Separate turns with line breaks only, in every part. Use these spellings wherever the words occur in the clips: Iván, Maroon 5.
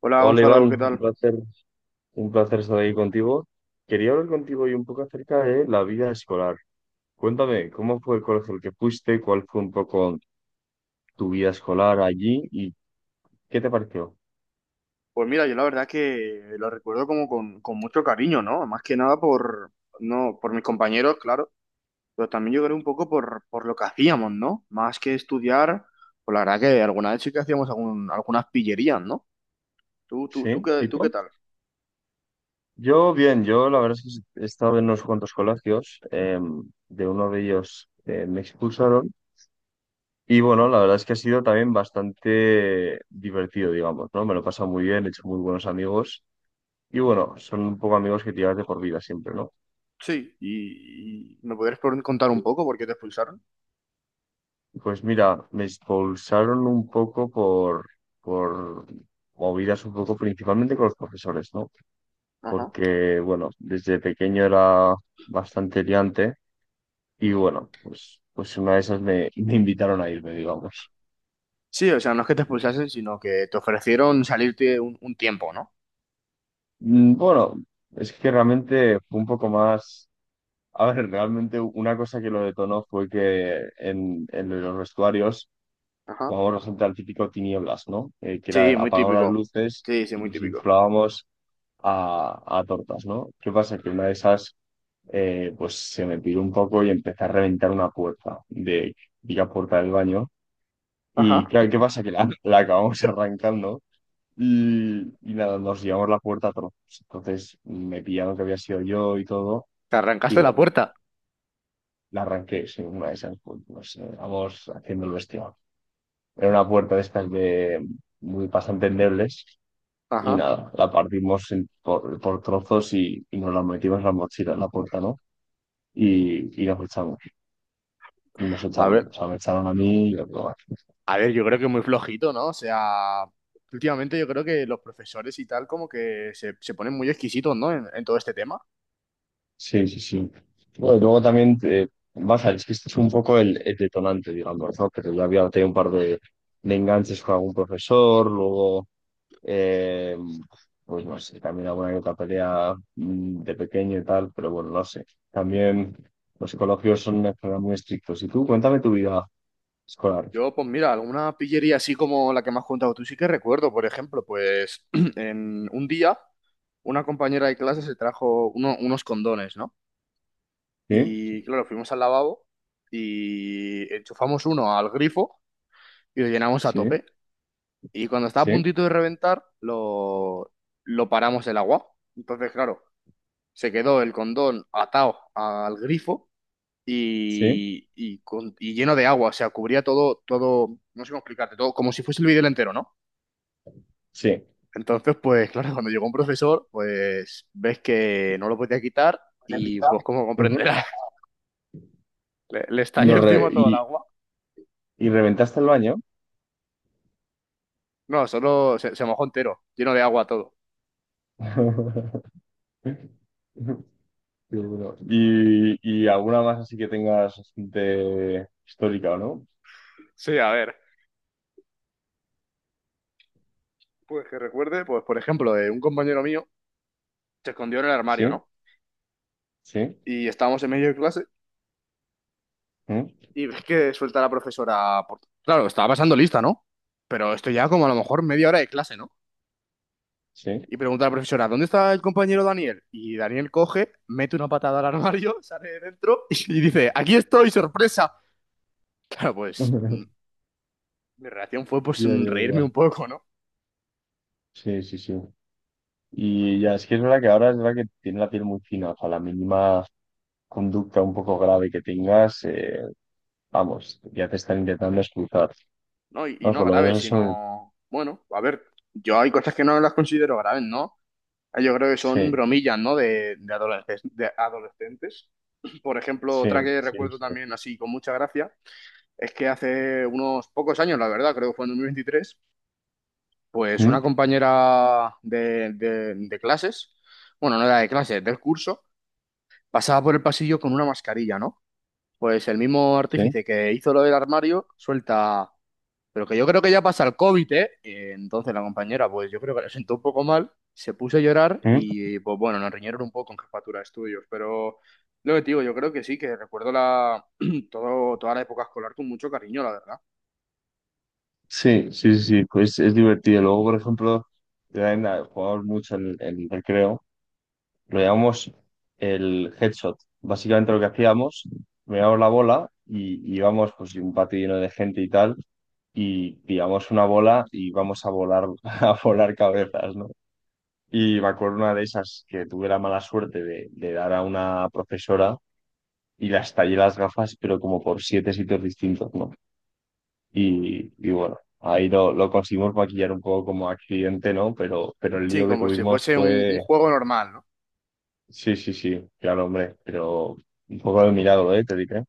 Hola
Hola Iván,
Gonzalo, ¿qué tal?
un placer estar aquí contigo. Quería hablar contigo hoy un poco acerca de la vida escolar. Cuéntame, ¿cómo fue el colegio al que fuiste? ¿Cuál fue un poco tu vida escolar allí? ¿Y qué te pareció?
Pues mira, yo la verdad que lo recuerdo como con mucho cariño, ¿no? Más que nada por, no, por mis compañeros, claro, pero también yo creo un poco por lo que hacíamos, ¿no? Más que estudiar, pues la verdad que alguna vez sí que hacíamos algunas pillerías, ¿no? ¿Tú, tú, tú,
¿Sí?
qué, tú qué
¿Tipo?
tal?
Yo bien, yo la verdad es que he estado en unos cuantos colegios. De uno de ellos me expulsaron. Y bueno, la verdad es que ha sido también bastante divertido, digamos, ¿no? Me lo he pasado muy bien, he hecho muy buenos amigos. Y bueno, son un poco amigos que te llevas de por vida siempre, ¿no?
Sí. ¿Y me podrías contar un poco por qué te expulsaron?
Pues mira, me expulsaron un poco por, movidas un poco principalmente con los profesores, ¿no?
Ajá.
Porque, bueno, desde pequeño era bastante liante y bueno, pues una de esas me, me invitaron a irme, digamos.
Sí, o sea, no es que te expulsasen, sino que te ofrecieron salirte un tiempo, ¿no?
Mm. Bueno, es que realmente fue un poco más. A ver, realmente una cosa que lo detonó fue que en, los vestuarios
Ajá.
jugábamos bastante al típico tinieblas, ¿no? Que
Sí,
era
muy
apagar las
típico.
luces
Sí, sí,
y
muy
nos
típico.
inflábamos a tortas, ¿no? ¿Qué pasa? Que una de esas, pues se me piró un poco y empecé a reventar una puerta de la puerta del baño. Y
Ajá.
claro, ¿qué pasa? Que la, la acabamos arrancando y nada, nos llevamos la puerta a trozos. Entonces me pillaron que había sido yo y todo.
Te
Y
arrancaste la
bueno,
puerta.
la arranqué, sí, una de esas, pues, no sé, vamos haciendo el vestido. Era una puerta de estas de muy bastante endebles. Y
Ajá.
nada, la partimos por trozos y nos la metimos en la mochila, en la puerta, ¿no? y los echaron, y nos
A
echaron,
ver,
o sea, me echaron a mí y a otro.
a ver, yo creo que muy flojito, ¿no? O sea, últimamente yo creo que los profesores y tal como que se ponen muy exquisitos, ¿no? En todo este tema.
Sí, sí, sí. Bueno, luego también, baja, es que este es un poco el, detonante, digamos, ¿no? Pero yo había tenido un par de enganches con algún profesor, luego, eh, pues no sé, también alguna que otra pelea de pequeño y tal, pero bueno, no sé. También los psicólogos son una carrera muy estrictos. Y tú, cuéntame tu vida escolar.
Yo, pues mira, alguna pillería así como la que me has contado tú sí que recuerdo. Por ejemplo, pues en un día una compañera de clase se trajo unos condones, ¿no?
¿Sí?
Y claro, fuimos al lavabo y enchufamos uno al grifo y lo llenamos a
¿Sí?
tope. Y cuando estaba a
¿Sí?
puntito de reventar, lo paramos el agua. Entonces, claro, se quedó el condón atado al grifo
¿Sí?
y, y lleno de agua. O sea, cubría todo, todo, no sé cómo explicarte, todo como si fuese el vídeo entero, ¿no?
¿Sí?
Entonces, pues claro, cuando llegó un profesor, pues ves que no lo podía quitar y
Repita.
pues como
Ujú.
comprenderás, le estalló
Lo re-
encima todo el
y,
agua.
Y reventaste el baño.
No, solo se mojó entero, lleno de agua todo.
Qué bueno. Y alguna más así que tengas de histórica, ¿o no?
Sí, a ver. Pues que recuerde, pues por ejemplo, de un compañero mío se escondió en el armario,
Sí,
¿no?
sí,
Y estábamos en medio de clase
¿mm?
y ves que suelta la profesora claro, estaba pasando lista, ¿no? Pero esto ya como a lo mejor media hora de clase, ¿no?
Sí.
Y pregunta a la profesora, ¿dónde está el compañero Daniel? Y Daniel coge, mete una patada al armario, sale de dentro y dice, aquí estoy, sorpresa. Claro, pues mi reacción fue pues
Ya, ya,
reírme un
ya.
poco, ¿no?
Sí, sí, sí. Y ya, es que es verdad que ahora es verdad que tiene la piel muy fina. O sea, la mínima conducta un poco grave que tengas, vamos, ya te están intentando expulsar.
No, y
Vamos,
no
por lo
grave,
menos eso.
sino, bueno, a ver, yo hay cosas que no las considero graves, ¿no? Yo creo que son
Sí,
bromillas, ¿no? De adolescentes, de adolescentes. Por ejemplo, otra
sí,
que
sí,
recuerdo
sí.
también así con mucha gracia es que hace unos pocos años, la verdad, creo que fue en 2023. Pues una
¿Mm?
compañera de clases, bueno, no era de clases, del curso, pasaba por el pasillo con una mascarilla, ¿no? Pues el mismo
¿Sí?
artífice que hizo lo del armario suelta, pero que yo creo que ya pasa el COVID, ¿eh? Entonces la compañera, pues yo creo que la sentó un poco mal, se puso a llorar
¿Mm?
y, pues bueno, nos riñeron un poco en jefatura de estudios. Pero lo que te digo, yo creo que sí, que recuerdo la, todo, toda la época escolar con mucho cariño, la verdad.
Sí, sí, sí, sí, pues es divertido. Luego, por ejemplo, también jugamos mucho en, el recreo, lo llamamos el headshot. Básicamente lo que hacíamos, mirábamos la bola y íbamos pues un patio lleno de gente y tal, y pillamos una bola y vamos a volar, a volar cabezas, ¿no? Y me acuerdo una de esas que tuve la mala suerte de, dar a una profesora y las tallé las gafas, pero como por siete sitios distintos, ¿no? Y bueno, ahí lo, conseguimos maquillar un poco como accidente, ¿no? pero el
Sí,
lío que
como si
tuvimos
fuese un
fue,
juego normal, ¿no?
sí, sí, sí, claro, hombre, pero un poco de milagro, ¿eh? Te diré.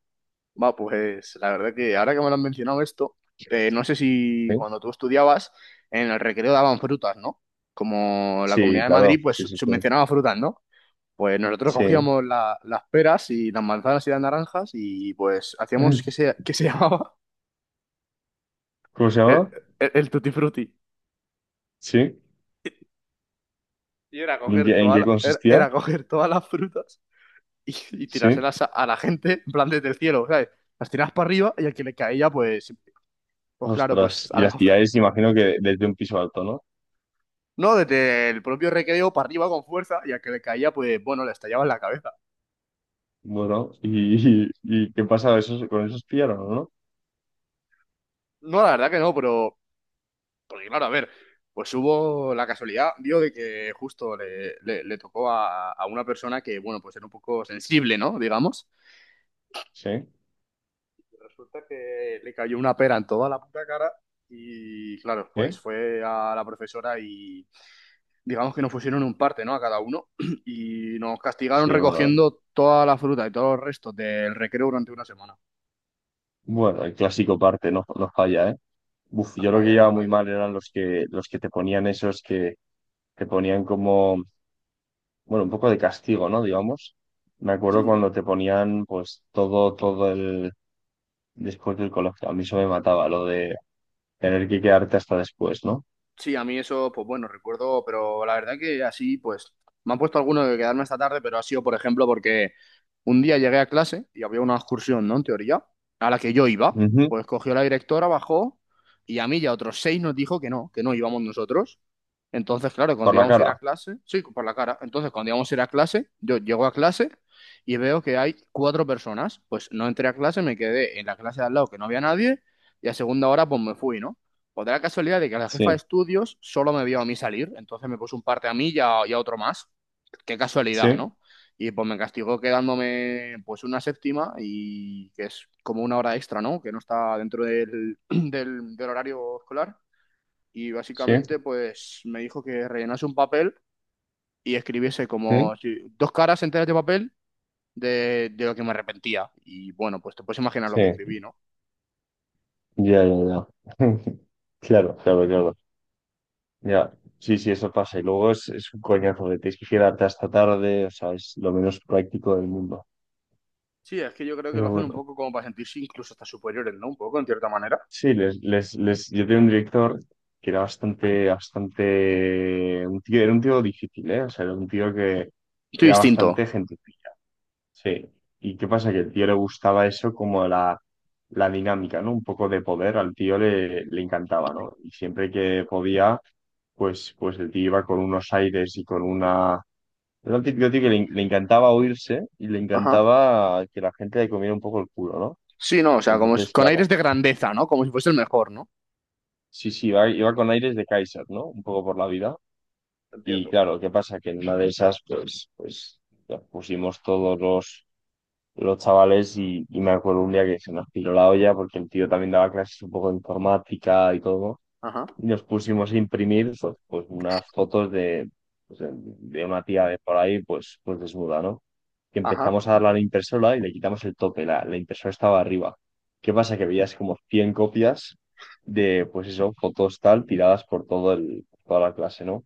Va, pues la verdad que ahora que me lo han mencionado esto, no sé si
Sí.
cuando tú estudiabas en el recreo daban frutas, ¿no? Como la
Sí,
Comunidad de Madrid,
claro, sí,
pues
sí, sí.
subvencionaba frutas, ¿no? Pues nosotros
Sí.
cogíamos las peras y las manzanas y las naranjas y pues hacíamos que se llamaba
¿Cómo se
el,
llama?
el tutti frutti.
Sí.
Y era coger,
En qué
era,
consistía?
era coger todas las frutas y
Sí.
tirárselas a la gente en plan desde el cielo, ¿sabes? Las tirabas para arriba y al que le caía, pues, pues claro,
Ostras,
pues
y las pilláis, imagino que desde un piso alto, ¿no?
no, desde el propio recreo para arriba con fuerza y al que le caía, pues bueno, le estallaba en la cabeza.
Bueno, y qué pasa? ¿Esos, con esos pillaron, no?
No, la verdad que no. Pero porque claro, a ver, pues hubo la casualidad, dio de que justo le tocó a una persona que, bueno, pues era un poco sensible, ¿no? Digamos.
Sí,
Resulta que le cayó una pera en toda la puta cara y, claro, pues
sí.
fue a la profesora y digamos que nos pusieron un parte, ¿no? A cada uno. Y nos castigaron
Sí,
recogiendo toda la fruta y todos los restos del recreo durante una semana.
bueno, el clásico parte no, no falla, ¿eh? Uf,
No
yo lo que
falla, no
llevaba muy
falla.
mal eran los que te ponían esos que te ponían como, bueno, un poco de castigo, ¿no? Digamos. Me acuerdo
Sí,
cuando te ponían, pues, todo, todo el, después del colegio. A mí eso me mataba, lo de tener que quedarte hasta después, ¿no?
sí, a mí eso, pues bueno, recuerdo, pero la verdad que así, pues, me han puesto alguno de quedarme esta tarde, pero ha sido, por ejemplo, porque un día llegué a clase y había una excursión, ¿no? En teoría, a la que yo iba,
Ujú.
pues cogió la directora, bajó y a mí y a otros seis nos dijo que no íbamos nosotros. Entonces, claro, cuando
Por la
íbamos a ir
cara.
a clase, sí, por la cara, entonces cuando íbamos a ir a clase, yo llego a clase y veo que hay cuatro personas, pues no entré a clase, me quedé en la clase de al lado que no había nadie y a segunda hora, pues me fui, ¿no? Pues de la casualidad de que la jefa de
Sí,
estudios solo me vio a mí salir, entonces me puso un parte a mí y y a otro más. Qué casualidad,
sí,
¿no? Y pues me castigó quedándome pues una séptima y que es como una hora extra, ¿no? Que no está dentro del horario escolar. Y
sí,
básicamente pues me dijo que rellenase un papel y escribiese
sí,
como si- dos caras enteras de papel de lo que me arrepentía. Y bueno, pues te puedes imaginar lo que
sí.
escribí, ¿no?
Ya, ya, ya. Claro, claro, claro. Ya. Sí, sí, eso pasa. Y luego es un coñazo de tienes que quedarte hasta tarde, o sea, es lo menos práctico del mundo.
Sí, es que yo creo que lo
Pero
hacen un
bueno.
poco como para sentirse incluso hasta superiores, ¿no? Un poco, en cierta manera.
Sí, yo tenía un director que era bastante, bastante, un tío, era un tío difícil, ¿eh? O sea, era un tío que
Estoy
era bastante
distinto.
gente. Sí. ¿Y qué pasa? Que el tío le gustaba eso como la, dinámica, ¿no? Un poco de poder, al tío le, encantaba, ¿no? Y siempre que podía, pues el tío iba con unos aires y con una. Era un típico tío que le encantaba oírse y le
Ajá,
encantaba que la gente le comiera un poco el culo, ¿no?
sí, no, o sea, como
Entonces,
con
claro.
aires de grandeza, ¿no? Como si fuese el mejor, ¿no?
Sí, sí, iba con aires de Kaiser, ¿no? Un poco por la vida. Y
Entiendo.
claro, ¿qué pasa? Que en una de esas, pues, nos pusimos todos los chavales y me acuerdo un día que se nos piró la olla porque el tío también daba clases un poco de informática y todo
Ajá,
y nos pusimos a imprimir pues, pues, unas fotos de, pues, de una tía de por ahí, pues desnuda, ¿no? Que
ajá.
empezamos a darle a la impresora y le quitamos el tope, la impresora estaba arriba. ¿Qué pasa? Que veías como 100 copias de, pues eso, fotos tal, tiradas por todo el, toda la clase, ¿no?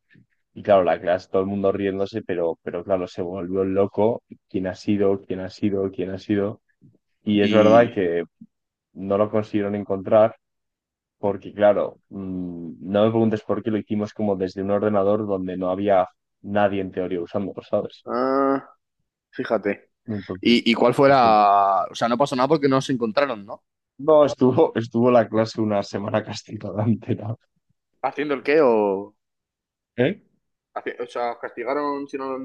Y claro, la clase, todo el mundo riéndose, pero claro, se volvió loco. ¿Quién ha sido? ¿Quién ha sido? ¿Quién ha sido? Y es verdad
Y,
que no lo consiguieron encontrar porque claro, no me preguntes por qué lo hicimos como desde un ordenador donde no había nadie en teoría usándolo, ¿sabes?
ah, fíjate.
Entonces,
Y y cuál fue
diciendo,
la... O sea, no pasó nada porque no se encontraron, ¿no?
no, estuvo la clase una semana castigada entera.
¿Haciendo el qué o...?
¿Eh?
O sea, ¿os castigaron si no...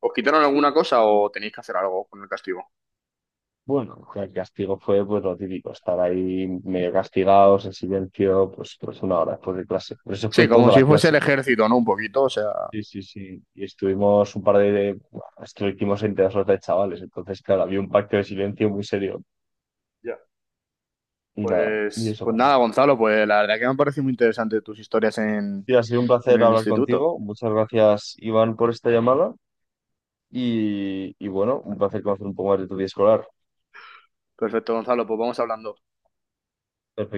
¿os quitaron alguna cosa o tenéis que hacer algo con el castigo?
Bueno, el castigo fue pues lo típico, estar ahí medio castigados, en silencio, pues, una hora después de clase. Pero eso fue
Sí, como
toda
si
la
fuese el
clase.
ejército, ¿no? Un poquito, o sea...
Sí, sí, sí. Y estuvimos un par de. Bueno, esto lo hicimos entre dos horas de chavales. Entonces, claro, había un pacto de silencio muy serio.
Ya.
Y nada, y
Pues,
eso
pues nada,
pasó.
Gonzalo, pues la verdad que me han parecido muy interesantes tus historias
Sí, ha sido un
en
placer
el
hablar
instituto.
contigo. Muchas gracias, Iván, por esta llamada. Y bueno, un placer conocer un poco más de tu vida escolar.
Perfecto, Gonzalo, pues vamos hablando.
Perfecto.